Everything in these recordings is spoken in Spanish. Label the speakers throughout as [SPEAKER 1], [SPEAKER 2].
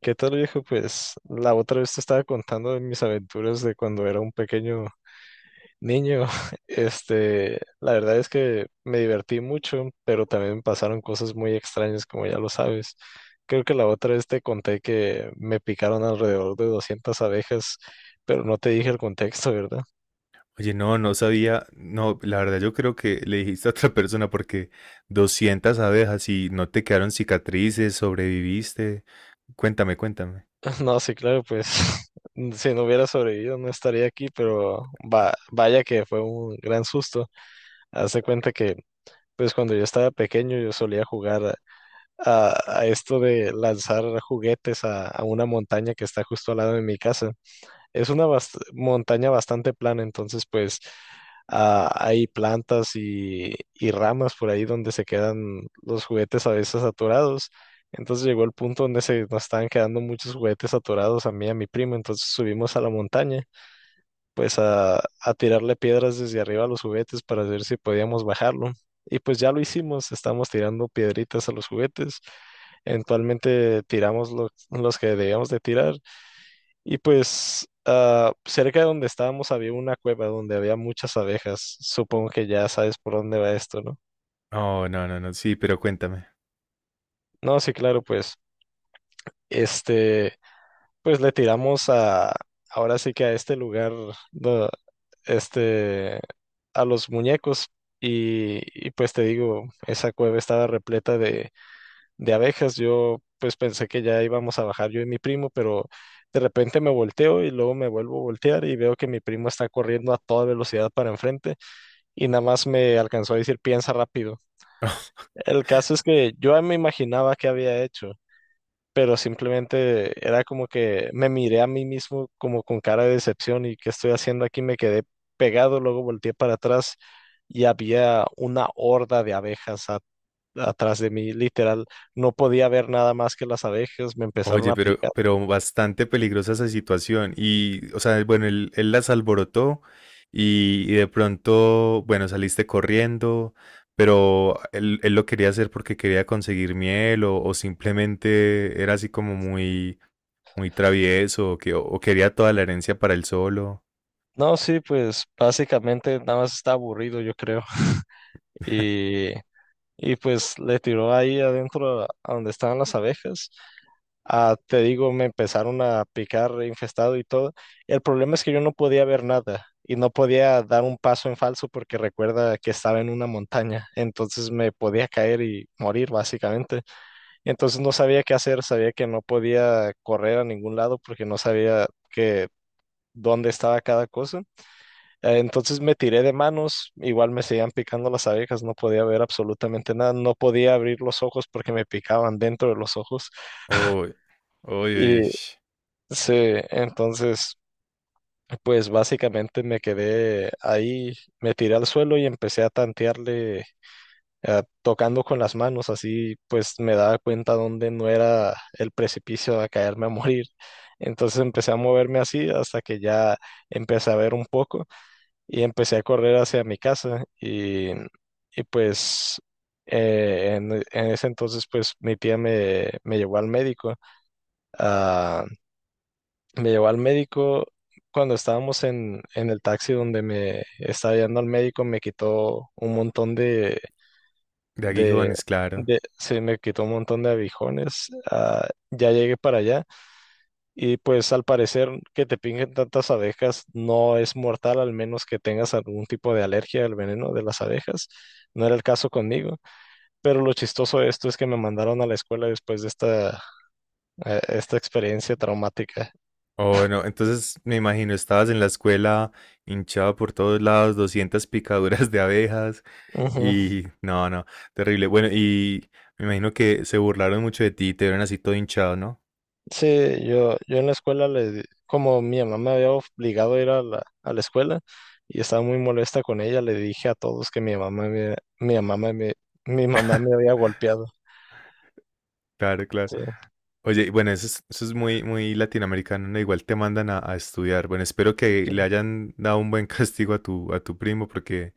[SPEAKER 1] ¿Qué tal, viejo? Pues la otra vez te estaba contando de mis aventuras de cuando era un pequeño niño. La verdad es que me divertí mucho, pero también pasaron cosas muy extrañas, como ya lo sabes. Creo que la otra vez te conté que me picaron alrededor de 200 abejas, pero no te dije el contexto, ¿verdad?
[SPEAKER 2] Oye, no, no sabía, no, la verdad yo creo que le dijiste a otra persona porque 200 abejas y no te quedaron cicatrices, sobreviviste. Cuéntame, cuéntame.
[SPEAKER 1] No, sí, claro, pues si no hubiera sobrevivido no estaría aquí, pero vaya que fue un gran susto. Haz de cuenta que, pues cuando yo estaba pequeño yo solía jugar a esto de lanzar juguetes a una montaña que está justo al lado de mi casa. Es una montaña bastante plana, entonces pues hay plantas y ramas por ahí donde se quedan los juguetes a veces atorados. Entonces llegó el punto donde se nos estaban quedando muchos juguetes atorados a mí y a mi primo, entonces subimos a la montaña pues a tirarle piedras desde arriba a los juguetes para ver si podíamos bajarlo. Y pues ya lo hicimos, estamos tirando piedritas a los juguetes. Eventualmente tiramos los que debíamos de tirar. Y pues cerca de donde estábamos había una cueva donde había muchas abejas. Supongo que ya sabes por dónde va esto, ¿no?
[SPEAKER 2] Oh, no, no, no, sí, pero cuéntame.
[SPEAKER 1] No, sí, claro, pues este... Pues le tiramos a, ahora sí que a este lugar, do- este, a los muñecos. Y, y pues te digo, esa cueva estaba repleta de abejas. Yo pues pensé que ya íbamos a bajar yo y mi primo, pero de repente me volteo y luego me vuelvo a voltear y veo que mi primo está corriendo a toda velocidad para enfrente y nada más me alcanzó a decir piensa rápido. El caso es que yo ya me imaginaba qué había hecho, pero simplemente era como que me miré a mí mismo como con cara de decepción y qué estoy haciendo aquí, me quedé pegado, luego volteé para atrás y había una horda de abejas atrás de mí, literal, no podía ver nada más que las abejas, me empezaron
[SPEAKER 2] Oye,
[SPEAKER 1] a
[SPEAKER 2] pero,
[SPEAKER 1] picar.
[SPEAKER 2] pero bastante peligrosa esa situación. Y, o sea, bueno, él las alborotó y de pronto, bueno, saliste corriendo, pero él lo quería hacer porque quería conseguir miel o simplemente era así como muy, muy travieso o, o quería toda la herencia para él solo.
[SPEAKER 1] No, sí, pues básicamente nada más está aburrido, yo creo. Y, y pues le tiró ahí adentro a donde estaban las abejas. Te digo, me empezaron a picar infestado y todo. El problema es que yo no podía ver nada y no podía dar un paso en falso porque recuerda que estaba en una montaña, entonces me podía caer y morir básicamente. Entonces no sabía qué hacer, sabía que no podía correr a ningún lado porque no sabía que dónde estaba cada cosa. Entonces me tiré de manos, igual me seguían picando las abejas, no podía ver absolutamente nada, no podía abrir los ojos porque me picaban dentro de los ojos.
[SPEAKER 2] Uy, uy, uy.
[SPEAKER 1] Sí, entonces, pues básicamente me quedé ahí, me tiré al suelo y empecé a tantearle, tocando con las manos, así pues me daba cuenta dónde no era el precipicio a caerme a morir. Entonces empecé a moverme así hasta que ya empecé a ver un poco y empecé a correr hacia mi casa y pues en ese entonces pues mi tía me llevó al médico. ah, Me llevó al médico cuando estábamos en el taxi donde me estaba yendo al médico, me quitó un montón
[SPEAKER 2] De
[SPEAKER 1] de,
[SPEAKER 2] aguijones, claro.
[SPEAKER 1] de sí, me quitó un montón de abijones. Ya llegué para allá y pues al parecer que te pingen tantas abejas no es mortal, al menos que tengas algún tipo de alergia al veneno de las abejas. No era el caso conmigo, pero lo chistoso de esto es que me mandaron a la escuela después de esta experiencia traumática.
[SPEAKER 2] Oh, no, entonces me imagino, estabas en la escuela hinchado por todos lados, 200 picaduras de abejas
[SPEAKER 1] Ujú.
[SPEAKER 2] y no, no, terrible. Bueno, y me imagino que se burlaron mucho de ti, te vieron así todo hinchado, ¿no?
[SPEAKER 1] Sí, yo en la escuela, como mi mamá me había obligado a ir a a la escuela y estaba muy molesta con ella, le dije a todos que mi mamá me había golpeado.
[SPEAKER 2] Claro, claro.
[SPEAKER 1] Sí,
[SPEAKER 2] Oye, bueno, eso es muy, muy latinoamericano, ¿no? Igual te mandan a estudiar. Bueno, espero que
[SPEAKER 1] sí,
[SPEAKER 2] le hayan dado un buen castigo a tu primo porque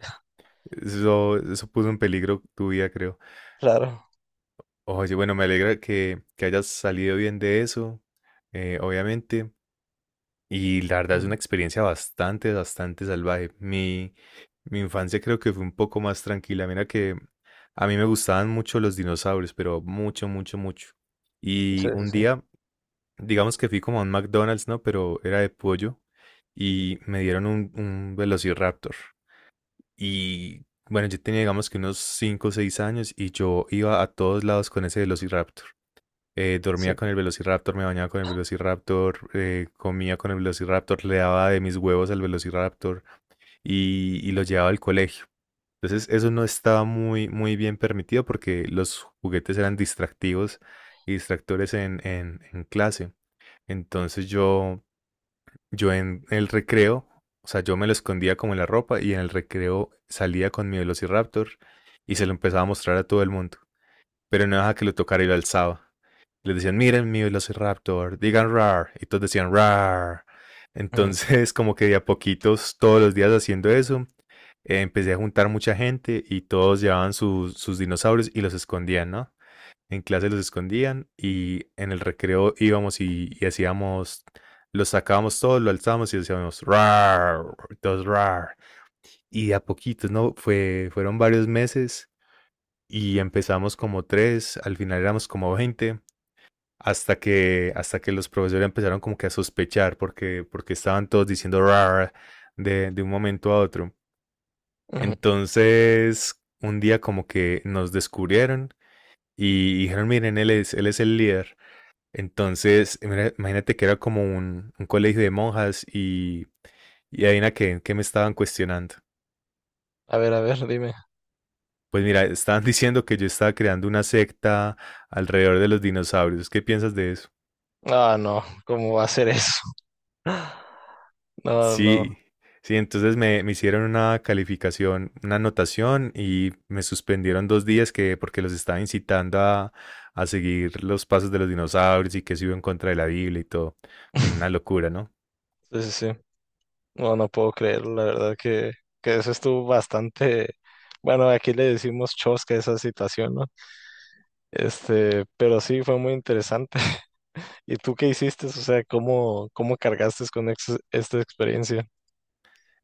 [SPEAKER 2] eso puso en peligro tu vida, creo.
[SPEAKER 1] claro.
[SPEAKER 2] Oye, bueno, me alegra que hayas salido bien de eso, obviamente. Y la verdad es
[SPEAKER 1] Ujú.
[SPEAKER 2] una experiencia bastante, bastante salvaje. Mi infancia creo que fue un poco más tranquila. Mira que a mí me gustaban mucho los dinosaurios, pero mucho, mucho, mucho.
[SPEAKER 1] Sí,
[SPEAKER 2] Y
[SPEAKER 1] sí,
[SPEAKER 2] un
[SPEAKER 1] sí.
[SPEAKER 2] día, digamos que fui como a un McDonald's, ¿no? Pero era de pollo y me dieron un Velociraptor. Y bueno, yo tenía digamos que unos 5 o 6 años y yo iba a todos lados con ese Velociraptor.
[SPEAKER 1] Sí.
[SPEAKER 2] Dormía con el Velociraptor, me bañaba con el Velociraptor, comía con el Velociraptor, le daba de mis huevos al Velociraptor y lo llevaba al colegio. Entonces eso no estaba muy, muy bien permitido porque los juguetes eran distractivos y distractores en clase. Entonces yo en el recreo, o sea, yo me lo escondía como en la ropa y en el recreo salía con mi Velociraptor y se lo empezaba a mostrar a todo el mundo. Pero no dejaba que lo tocara y lo alzaba. Les decían: miren mi velociraptor, digan rar. Y todos decían rar.
[SPEAKER 1] Ujú,
[SPEAKER 2] Entonces, como que de a poquitos, todos los días haciendo eso, empecé a juntar mucha gente y todos llevaban sus, sus dinosaurios y los escondían, ¿no? En clase los escondían y en el recreo íbamos y hacíamos, los sacábamos todos, lo alzábamos y decíamos rar, todos rar. Y de a poquitos, ¿no? Fueron varios meses y empezamos como tres, al final éramos como 20 hasta que los profesores empezaron como que a sospechar porque, porque estaban todos diciendo rar de un momento a otro.
[SPEAKER 1] ujú.
[SPEAKER 2] Entonces, un día como que nos descubrieron y dijeron: miren, él es el líder. Entonces, mira, imagínate que era como un colegio de monjas y adivina qué, qué me estaban cuestionando.
[SPEAKER 1] A ver, dime.
[SPEAKER 2] Pues mira, estaban diciendo que yo estaba creando una secta alrededor de los dinosaurios. ¿Qué piensas de eso?
[SPEAKER 1] Ah, no, ¿cómo va a ser eso? No, no.
[SPEAKER 2] Sí, sí, entonces me hicieron una calificación, una anotación y me suspendieron 2 días que porque los estaba incitando a seguir los pasos de los dinosaurios y que se iba en contra de la Biblia y todo. Bueno, una locura, ¿no?
[SPEAKER 1] Sí, sí, sí. No, no puedo creerlo, la verdad que eso estuvo bastante... Bueno, aquí le decimos chosca a esa situación, ¿no? Pero sí fue muy interesante. ¿Y tú qué hiciste? O sea, cómo cargaste con esta experiencia?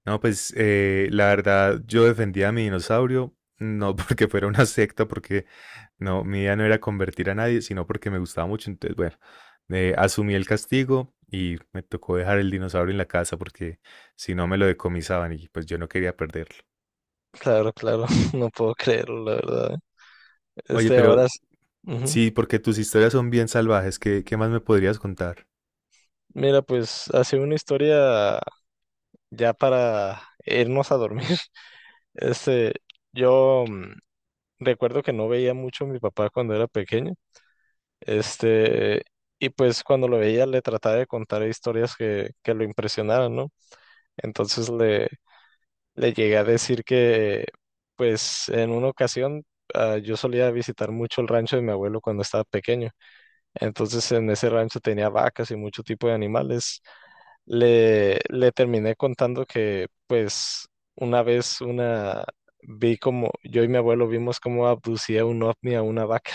[SPEAKER 2] No, pues la verdad, yo defendía a mi dinosaurio, no porque fuera una secta, porque no, mi idea no era convertir a nadie, sino porque me gustaba mucho. Entonces, bueno, asumí el castigo y me tocó dejar el dinosaurio en la casa porque si no me lo decomisaban y pues yo no quería perderlo.
[SPEAKER 1] Claro, claro, no puedo creerlo, la verdad.
[SPEAKER 2] Oye,
[SPEAKER 1] Este, ahora,
[SPEAKER 2] pero
[SPEAKER 1] s- ujú.
[SPEAKER 2] sí, porque tus historias son bien salvajes. ¿Qué, qué más me podrías contar?
[SPEAKER 1] Mira, pues ha sido una historia ya para irnos a dormir. Este, yo mm, recuerdo que no veía mucho a mi papá cuando era pequeño. Este, y pues cuando lo veía le trataba de contar historias que lo impresionaran, ¿no? Entonces le, Le llegué a decir que, pues, en una ocasión yo solía visitar mucho el rancho de mi abuelo cuando estaba pequeño. Entonces, en ese rancho tenía vacas y mucho tipo de animales. Le terminé contando que, pues, una vez una vi como yo y mi abuelo vimos cómo abducía un ovni a una vaca.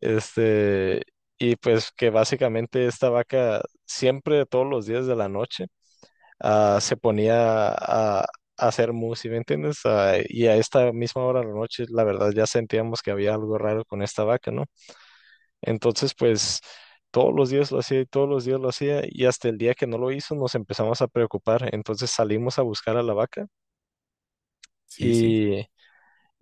[SPEAKER 1] Este, y pues que básicamente esta vaca siempre todos los días de la noche se ponía a hacer música me entiendes? Ah, y a esta misma hora de la noche, la verdad, ya sentíamos que había algo raro con esta vaca, ¿no? Entonces, pues todos los días lo hacía y todos los días lo hacía y hasta el día que no lo hizo nos empezamos a preocupar. Entonces salimos a buscar a la vaca
[SPEAKER 2] Sí, sí.
[SPEAKER 1] y...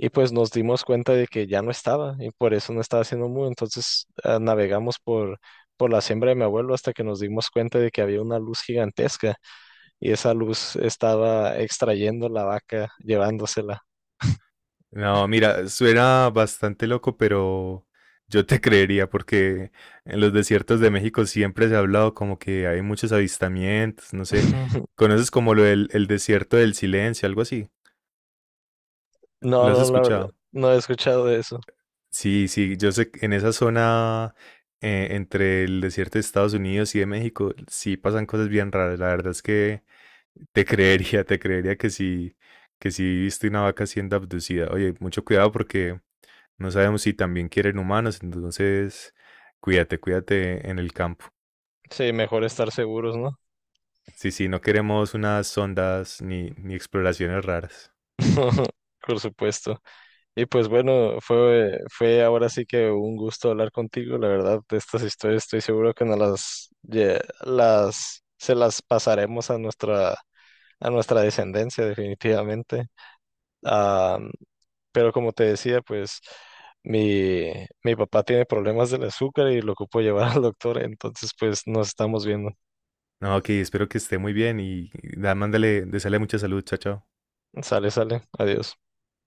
[SPEAKER 1] Y pues nos dimos cuenta de que ya no estaba y por eso no estaba haciendo mu. Entonces por la siembra de mi abuelo hasta que nos dimos cuenta de que había una luz gigantesca y esa luz estaba extrayendo la vaca, llevándosela.
[SPEAKER 2] No, mira, suena bastante loco, pero yo te creería porque en los desiertos de México siempre se ha hablado como que hay muchos avistamientos, no sé. ¿Conoces como lo del el desierto del silencio, algo así?
[SPEAKER 1] No,
[SPEAKER 2] ¿Lo has
[SPEAKER 1] no, la verdad,
[SPEAKER 2] escuchado?
[SPEAKER 1] no he escuchado de eso.
[SPEAKER 2] Sí, sí, yo sé que en esa zona entre el desierto de Estados Unidos y de México, sí pasan cosas bien raras. La verdad es que te creería, te creería que sí viste una vaca siendo abducida. Oye, mucho cuidado porque no sabemos si también quieren humanos, entonces cuídate, cuídate en el campo.
[SPEAKER 1] Sí, mejor estar seguros, ¿no?
[SPEAKER 2] Sí, sí, no queremos unas sondas ni exploraciones raras.
[SPEAKER 1] Por supuesto. Y pues bueno, fue ahora sí que un gusto hablar contigo. La verdad, de estas historias estoy seguro que nos las, lle- las se las pasaremos a nuestra descendencia, definitivamente. Pero como te decía, pues mi, mi papá tiene problemas del azúcar y lo ocupo llevar al doctor, entonces pues nos estamos viendo.
[SPEAKER 2] No, ok, espero que esté muy bien y da, mándale, deseale mucha salud, chao, chao.
[SPEAKER 1] Sale, sale, adiós.